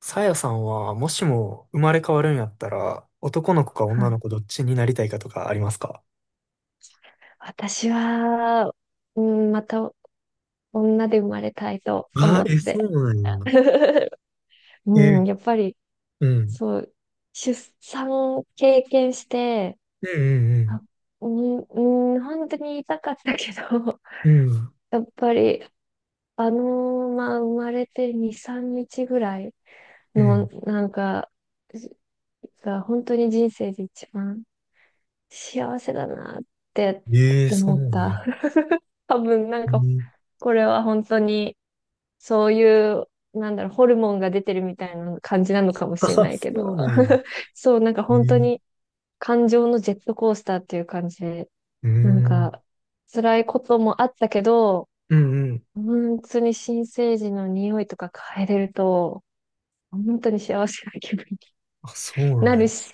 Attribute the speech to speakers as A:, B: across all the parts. A: さやさんは、もしも生まれ変わるんやったら、男の子か
B: は
A: 女
B: い。
A: の子どっちになりたいかとかありますか？
B: 私は、うん、また女で生まれたいと思
A: あ
B: っ
A: え、そ
B: て。
A: うなんや。え、
B: うん、やっぱり、
A: うん。
B: そう、出産を経験して、
A: うん
B: あ、うん、うん、本当に痛かったけど、
A: うんうん。
B: やっぱり、あのまあ、生まれて2、3日ぐらい
A: うん。う
B: の、
A: ん。
B: なんか、が本当に人生で一番幸せだなって
A: えーそう
B: 思
A: な
B: っ
A: ん
B: た。
A: や。
B: 多分、なん
A: う
B: か、
A: ん。
B: これは本当に、そういう、なんだろう、ホルモンが出てるみたいな感じなのかも
A: あ、
B: しれないけ
A: そ
B: ど、
A: うなんや。
B: そう、なんか
A: え
B: 本当
A: ー
B: に感情のジェットコースターっていう感じで、
A: う
B: なん
A: ん
B: か辛いこともあったけど、
A: うんうん。
B: 本当に新生児の匂いとか嗅いでると、本当に幸せな気分に
A: あ、そうな
B: な
A: んや。
B: るし、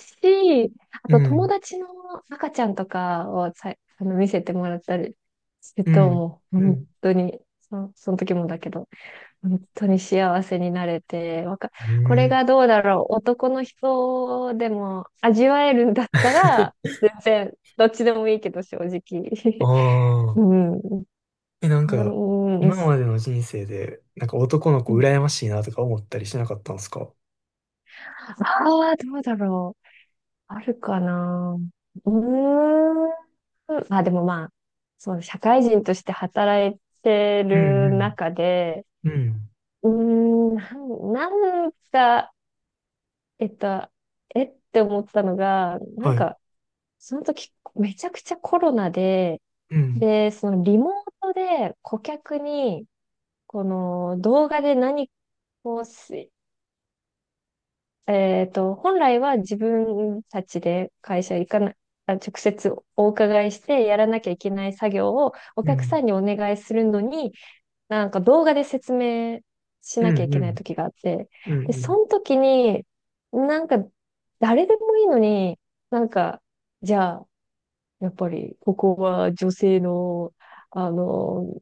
B: あ
A: う
B: と友
A: ん。
B: 達の赤ちゃんとかをさ見せてもらったりする
A: う
B: と、
A: ん。
B: もう
A: う
B: 本
A: ん。
B: 当にその時もだけど、本当に幸せになれて、
A: う
B: これ
A: ん。
B: がどうだろう、男の人でも味わえるんだったら、全然、どっちでもいいけど、正直。
A: あ
B: う
A: あ。
B: ん。
A: え、なんか、
B: うん。
A: 今までの人生で、なんか男の子羨ましいなとか思ったりしなかったんですか？
B: ああ、どうだろう。あるかな。うーん。あ、でもまあ、そうね、社会人として働いて
A: うん
B: る
A: うん。
B: 中で、
A: うん。
B: うーん、なんか、えっと、えって思ったのが、な
A: は
B: ん
A: い。
B: か、その時、めちゃくちゃコロナで、
A: うん。
B: で、そのリモートで顧客に、この動画で何かをすえっと、本来は自分たちで会社行かな、直接お伺いしてやらなきゃいけない作業をお
A: う
B: 客
A: ん。
B: さんにお願いするのに、なんか動画で説明し
A: う
B: なきゃい
A: ん。
B: け
A: う
B: ない
A: ん。
B: 時があって、
A: う
B: で、
A: ん。う
B: そ
A: ん
B: の時に、なんか誰でもいいのに、なんか、じゃあ、やっぱり、ここは女性の、あの、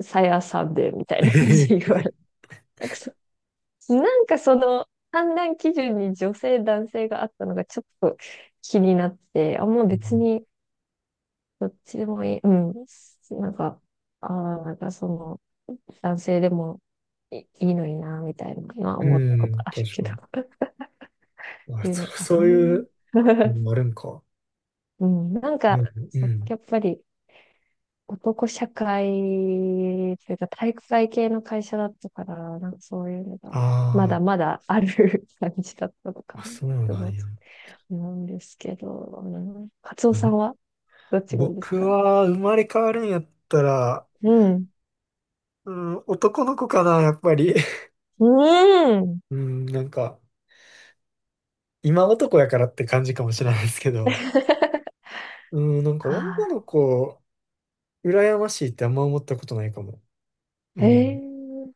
B: さやさんで、みたい
A: え
B: な感じ
A: へ
B: で言わ
A: へ
B: れなんかそ、なんかその、判断基準に女性、男性があったのがちょっと気になって、あ、もう別に、どっちでもいい。うん。なんか、ああ、なんかその、男性でもいいのにな、みたいなのは
A: う
B: 思ったこと
A: ん。
B: ある
A: 確
B: け
A: か
B: ど、
A: に。
B: っ
A: あ、
B: ていうのか
A: そうい
B: な。
A: うの もあるんか。
B: うん。なん
A: で
B: か、
A: も、う
B: そう
A: ん。
B: やっぱり、男社会というか体育会系の会社だったから、なんかそういうの
A: あ
B: が、まだ
A: ー、
B: まだある 感じだったのか
A: ま
B: な
A: あ、そう
B: と
A: な
B: 思
A: んや。
B: うんですけど、うん、カツオさん
A: う
B: はどっちがいいです
A: 僕
B: か？
A: は生まれ変わるんやったら、
B: うん。
A: うん、男の子かな、やっぱり。
B: うん。
A: うん、なんか、今男やからって感じかもしれないですけど、うん、なんか
B: あ
A: 女の子、羨ましいってあんま思ったことないかも。う
B: あ、
A: ん、
B: ええ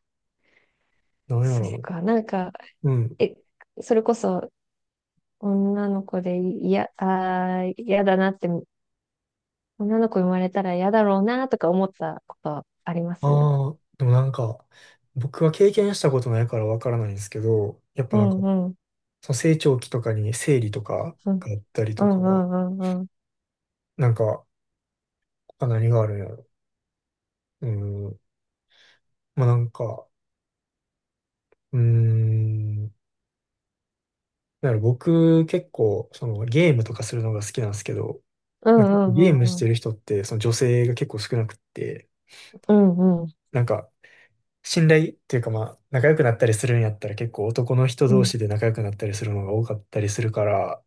A: なんや
B: そっ
A: ろ
B: か。なんか、
A: う。
B: え、それこそ女の子でいやあー、嫌だなって、女の子生まれたら嫌だろうなとか思ったことあります？
A: ああ、でもなんか、僕は経験したことないからわからないんですけど、やっぱ
B: う
A: なんか、
B: んう
A: その成長期とかに生理とか
B: ん。
A: があったり
B: う
A: とか、
B: んうんうんうん。
A: なんか、他何があるんやろ。うん、まあなんか、うーん、だから僕結構、そのゲームとかするのが好きなんですけど、
B: うん
A: まあ、結構
B: う
A: ゲー
B: ん
A: ム
B: う
A: し
B: んうん。
A: てる人って、その女性が結構少なくって、
B: うんうん
A: なんか、信頼っていうかまあ、仲良くなったりするんやったら結構男の人
B: う
A: 同
B: ん。
A: 士で仲良くなったりするのが多かったりするから、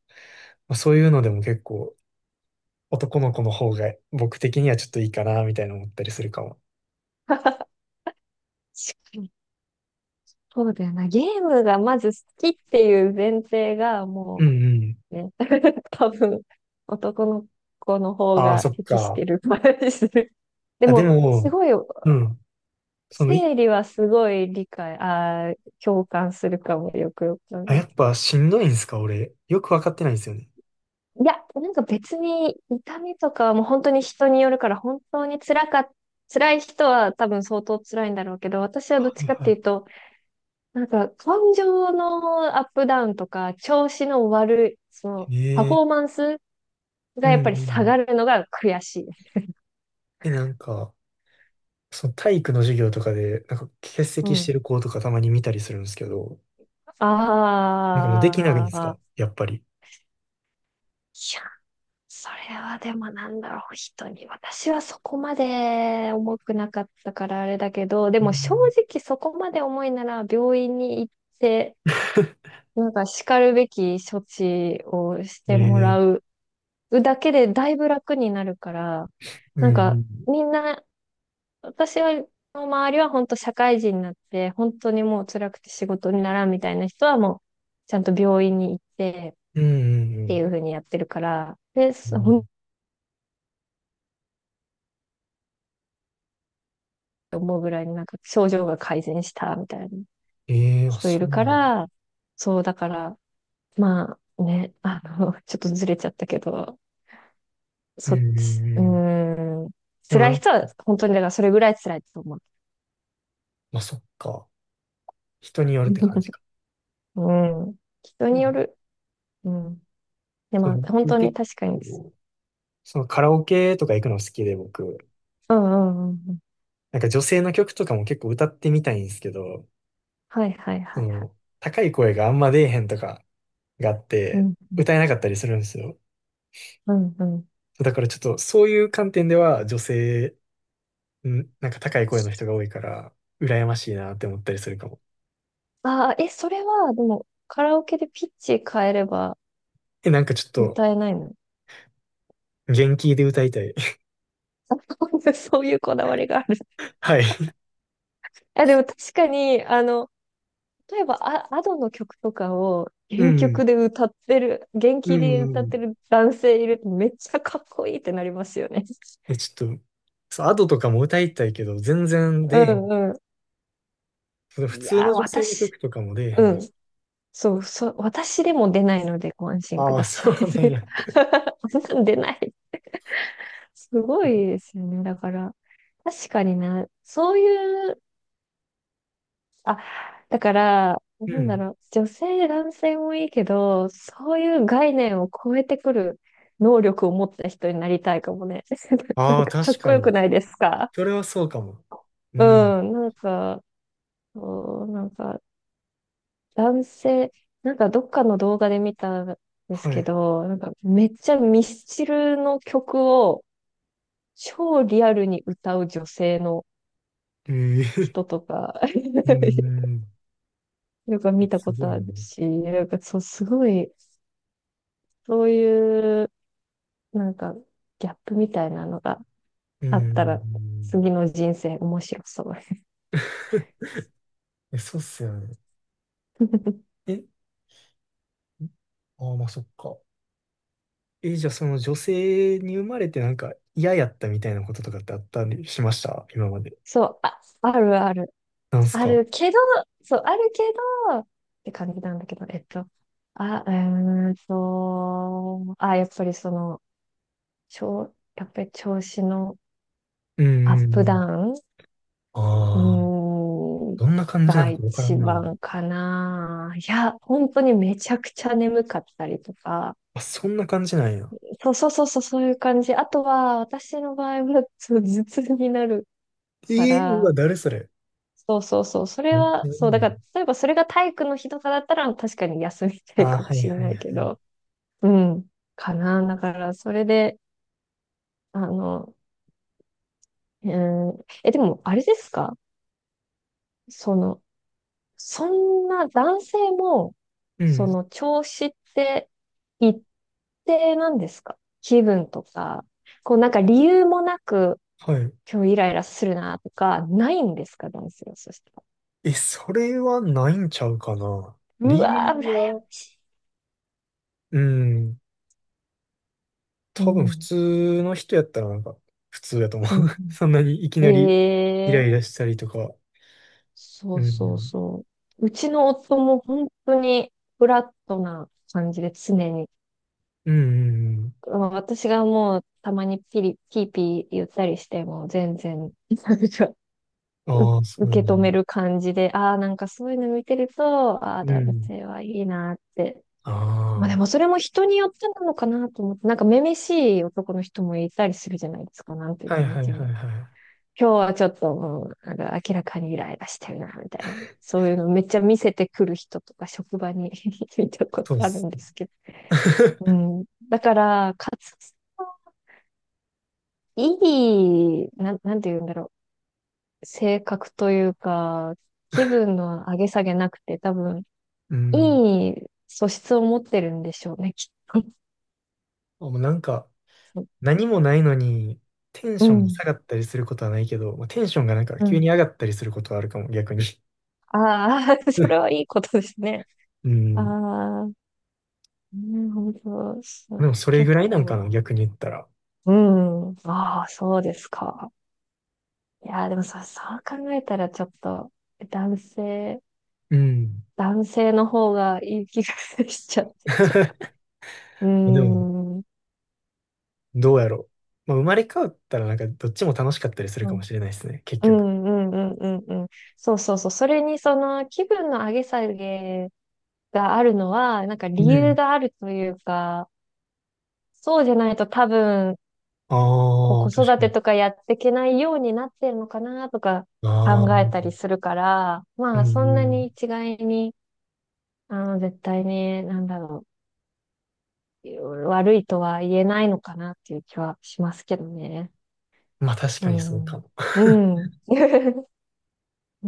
A: まあ、そういうのでも結構男の子の方が僕的にはちょっといいかなみたいな思ったりするかも。
B: 確かに。そうだよな。ゲームがまず好きっていう前提が
A: う
B: も
A: んうん。
B: うね、多分男の子の方
A: ああ、
B: が
A: そっ
B: 適し
A: か。
B: てる感じする。で
A: あ、で
B: も、す
A: も、
B: ごい、
A: うん。そのい、
B: 生理はすごい理解、共感するかも、よくよく
A: あ、
B: 考
A: や
B: え
A: っ
B: て。
A: ぱしんどいんすか俺。よくわかってないんですよね。
B: いや、なんか別に痛みとかはもう本当に人によるから、本当に辛かっ辛い人は多分相当辛いんだろうけど、私はどっ
A: は
B: ち
A: い
B: かって
A: は
B: いうと、なんか、感情のアップダウンとか、調子の悪い、
A: い。
B: パ
A: ね
B: フ
A: え。
B: ォーマンス
A: う
B: がや
A: ん
B: っ
A: うん
B: ぱり下
A: う
B: が
A: ん。
B: るのが悔しいです。
A: え、なんか、その体育の授業とかで、なんか欠
B: う
A: 席して
B: ん。
A: る子とかたまに見たりするんですけど、なんかもうできないん
B: あ
A: です
B: あ、
A: かやっぱり？
B: いや、それはでもなんだろう、人に。私はそこまで重くなかったからあれだけど、で
A: う
B: も正
A: ん
B: 直そこまで重いなら病院に行って、なんか叱るべき処置をし
A: ね
B: ても
A: え。
B: らうだけでだいぶ楽になるから、
A: う
B: なん
A: んう
B: か
A: ん。
B: みんな私は、の周りは本当社会人になって、本当にもう辛くて仕事にならんみたいな人はもう、ちゃんと病院に行って
A: うん
B: っ
A: う
B: ていう
A: ん
B: 風にやってるから、で、
A: う
B: そほ
A: ん。
B: んと思うぐらいになんか症状が改善したみたいな
A: ええー、あ、
B: 人い
A: そ
B: る
A: うな
B: か
A: の。
B: ら、そうだから、まあね、ちょっとずれちゃったけど、
A: うん
B: そっ
A: うん
B: ち、う
A: うん。
B: ーん、
A: でも
B: 辛い
A: な、
B: 人は本当にだからそれぐらい辛いと思う。
A: まあそっか。人によるって感じ か。
B: うん、人
A: う
B: によ
A: ん。
B: る。うん。で
A: そ
B: も
A: の、
B: 本
A: でも
B: 当に
A: 結
B: 確かにです。
A: 構、そのカラオケとか行くの好きで僕、
B: うんうんうんうん。
A: なんか女性の曲とかも結構歌ってみたいんですけど、
B: はいはいは
A: そ
B: いはい。
A: の、高い声があんま出えへんとかがあっ
B: う
A: て、
B: ん、
A: 歌えなかったりするんですよ。
B: うん、うんうん。
A: だからちょっとそういう観点では女性、なんか高い声の人が多いから、羨ましいなって思ったりするかも。
B: ああ、え、それは、でも、カラオケでピッチ変えれば
A: え、なんかちょっと、
B: 歌えないの？
A: 元気で歌いたい。
B: あ そういうこだわりがある。
A: はい。
B: あ、でも確かに、例えば、あ、アドの曲とかを
A: う
B: 原
A: ん。
B: 曲で歌ってる、原
A: う
B: 気で歌っ
A: ん。
B: てる男性いるとめっちゃかっこいいってなりますよね。
A: え、ちょっと、そう、アドとかも歌いたいけど、全然
B: う
A: 出えへん。
B: んう
A: その
B: ん。
A: 普
B: い
A: 通
B: や
A: の
B: ー、
A: 女性の曲
B: 私、
A: とかも出えへ
B: うん。
A: ん。
B: そう、そう、私でも出ないのでご安心く
A: ああ、
B: ださ
A: そ
B: い。
A: うなんや。
B: そんなん出ない。すごいですよね。だから、確かにな、そういう、あ、だから、
A: う
B: なんだ
A: ん。
B: ろう、女性、男性もいいけど、そういう概念を超えてくる能力を持った人になりたいかもね。な
A: あ
B: ん
A: あ、
B: か、か
A: 確
B: っこ
A: か
B: よく
A: に。
B: ないですか？
A: それはそうかも。う
B: う
A: ん。
B: ん、なんか、そう、なんか、男性、なんかどっかの動画で見たんです
A: は
B: け
A: い。
B: ど、なんかめっちゃミスチルの曲を超リアルに歌う女性の
A: ええ、
B: 人とか
A: う ん。
B: よく見た
A: す
B: こ
A: ご
B: と
A: い
B: あ
A: な。
B: るし、なんかそう、すごい、そういう、なんか、ギャップみたいなのが
A: う
B: あった
A: ん。
B: ら、次の人生面白そう。
A: え、そうっすよね。え、ああ、まあ、そっか。え、じゃあその女性に生まれてなんか嫌やったみたいなこととかってあったりしました今まで？
B: そう、あ、あるある。
A: なんす
B: あ
A: か？
B: るけど、そう、あるけど、って感じなんだけど、あ、あ、やっぱりその、やっぱり調子の
A: うん
B: アッ
A: うんう
B: プダ
A: ん。
B: ウンう
A: ああ、
B: ーん、
A: どんな感じな
B: が
A: のかわから
B: 一
A: んな。
B: 番かな。いや、本当にめちゃくちゃ眠かったりとか。
A: あ、そんな感じなんや。
B: そうそうそうそう、そういう感じ。あとは、私の場合は、そう頭痛になるか
A: ええ、うわ、
B: ら、
A: 誰それ、
B: そうそうそう、それ
A: めっち
B: は、
A: ゃいい
B: そう、だ
A: ね。
B: から、例えばそれが体育の日とかだったら、確かに休みたい
A: ああ、
B: かも
A: はい
B: しれ
A: はいは
B: ないけ
A: い。
B: ど、うん、かな。だから、それで、あの、うん、え、でも、あれですかその、そんな男性も、
A: う
B: そ
A: ん、
B: の調子って一定なんですか？気分とか、こうなんか理由もなく
A: はい。
B: 今日イライラするなとか、ないんですか男性はそした
A: え、それはないんちゃうかな。
B: ら。う
A: 理
B: わ
A: 由
B: ー、羨ましい、
A: は、うん、
B: う
A: 多分普
B: ん、
A: 通の人やったらなんか普通やと思う。
B: うん、
A: そんなにいき
B: うん。
A: なりイ
B: え
A: ラ
B: え
A: イラしたりとか。
B: そ
A: う
B: う
A: んう
B: そう
A: ん。
B: そう。うちの夫も本当にフラットな感じで常に。
A: うんうんうん。
B: まあ私がもうたまにピーピー言ったりしても全然、なんか
A: ああ、そ
B: う
A: うな
B: 受
A: ん
B: け
A: だ。
B: 止める感じで、ああ、なんかそういうの見てると、ああ、
A: う
B: 男
A: ん。
B: 性はいいなって。まあで
A: あ
B: もそれも人によってなのかなと思って、なんかめめしい男の人もいたりするじゃないですか、なんていう
A: あ、は
B: か、
A: い
B: なん
A: はい
B: ていうん
A: は
B: だろ
A: い
B: う。
A: はい。
B: 今日はちょっともう、なんか明らかにイライラしてるな、みたいな。そういうのめっちゃ見せてくる人とか職場に 見たこと
A: そうっ
B: ある
A: す。
B: んですけど。う ん。だから、かつ、いい、なん、なんていうんだろう。性格というか、気分の上げ下げなくて、多分、
A: うん。
B: いい素質を持ってるんでしょうね、きっと。
A: あ、もうなんか、何もないのに、テン
B: う
A: ションが下
B: ん、
A: がったりすることはないけど、まあ、テンションがなんか
B: う
A: 急
B: ん。
A: に上がったりすることはあるかも、逆に。
B: ああ、それはい いことですね。
A: う
B: あ
A: ん。
B: あ、なるほど。そ
A: で
B: う
A: もそれぐ
B: 結
A: らいなんか
B: 構、
A: な、逆に言ったら。
B: うん。ああ、そうですか。いやー、でもさ、そう考えたらちょっと、男性、
A: うん。
B: 男性の方がいい気がしちゃって、ちょっと。うー
A: でも、
B: ん。うん
A: どうやろう。まあ、生まれ変わったらなんかどっちも楽しかったりするかもしれないですね、結
B: う
A: 局。
B: んうんうんうんうん。そうそうそう。それにその気分の上げ下げがあるのは、なんか
A: う
B: 理由
A: ん。
B: があるというか、そうじゃないと多分、こう
A: あ。あ、
B: 子
A: 確
B: 育
A: か
B: て
A: に。
B: とかやっていけないようになってるのかなとか
A: ああ、
B: 考え
A: う
B: たりするから、
A: ん
B: まあそん
A: う
B: なに
A: ん。
B: 一概に、絶対に、なんだろう、悪いとは言えないのかなっていう気はしますけどね。
A: まあ確
B: う
A: かにそうか
B: ん。
A: も。
B: うん。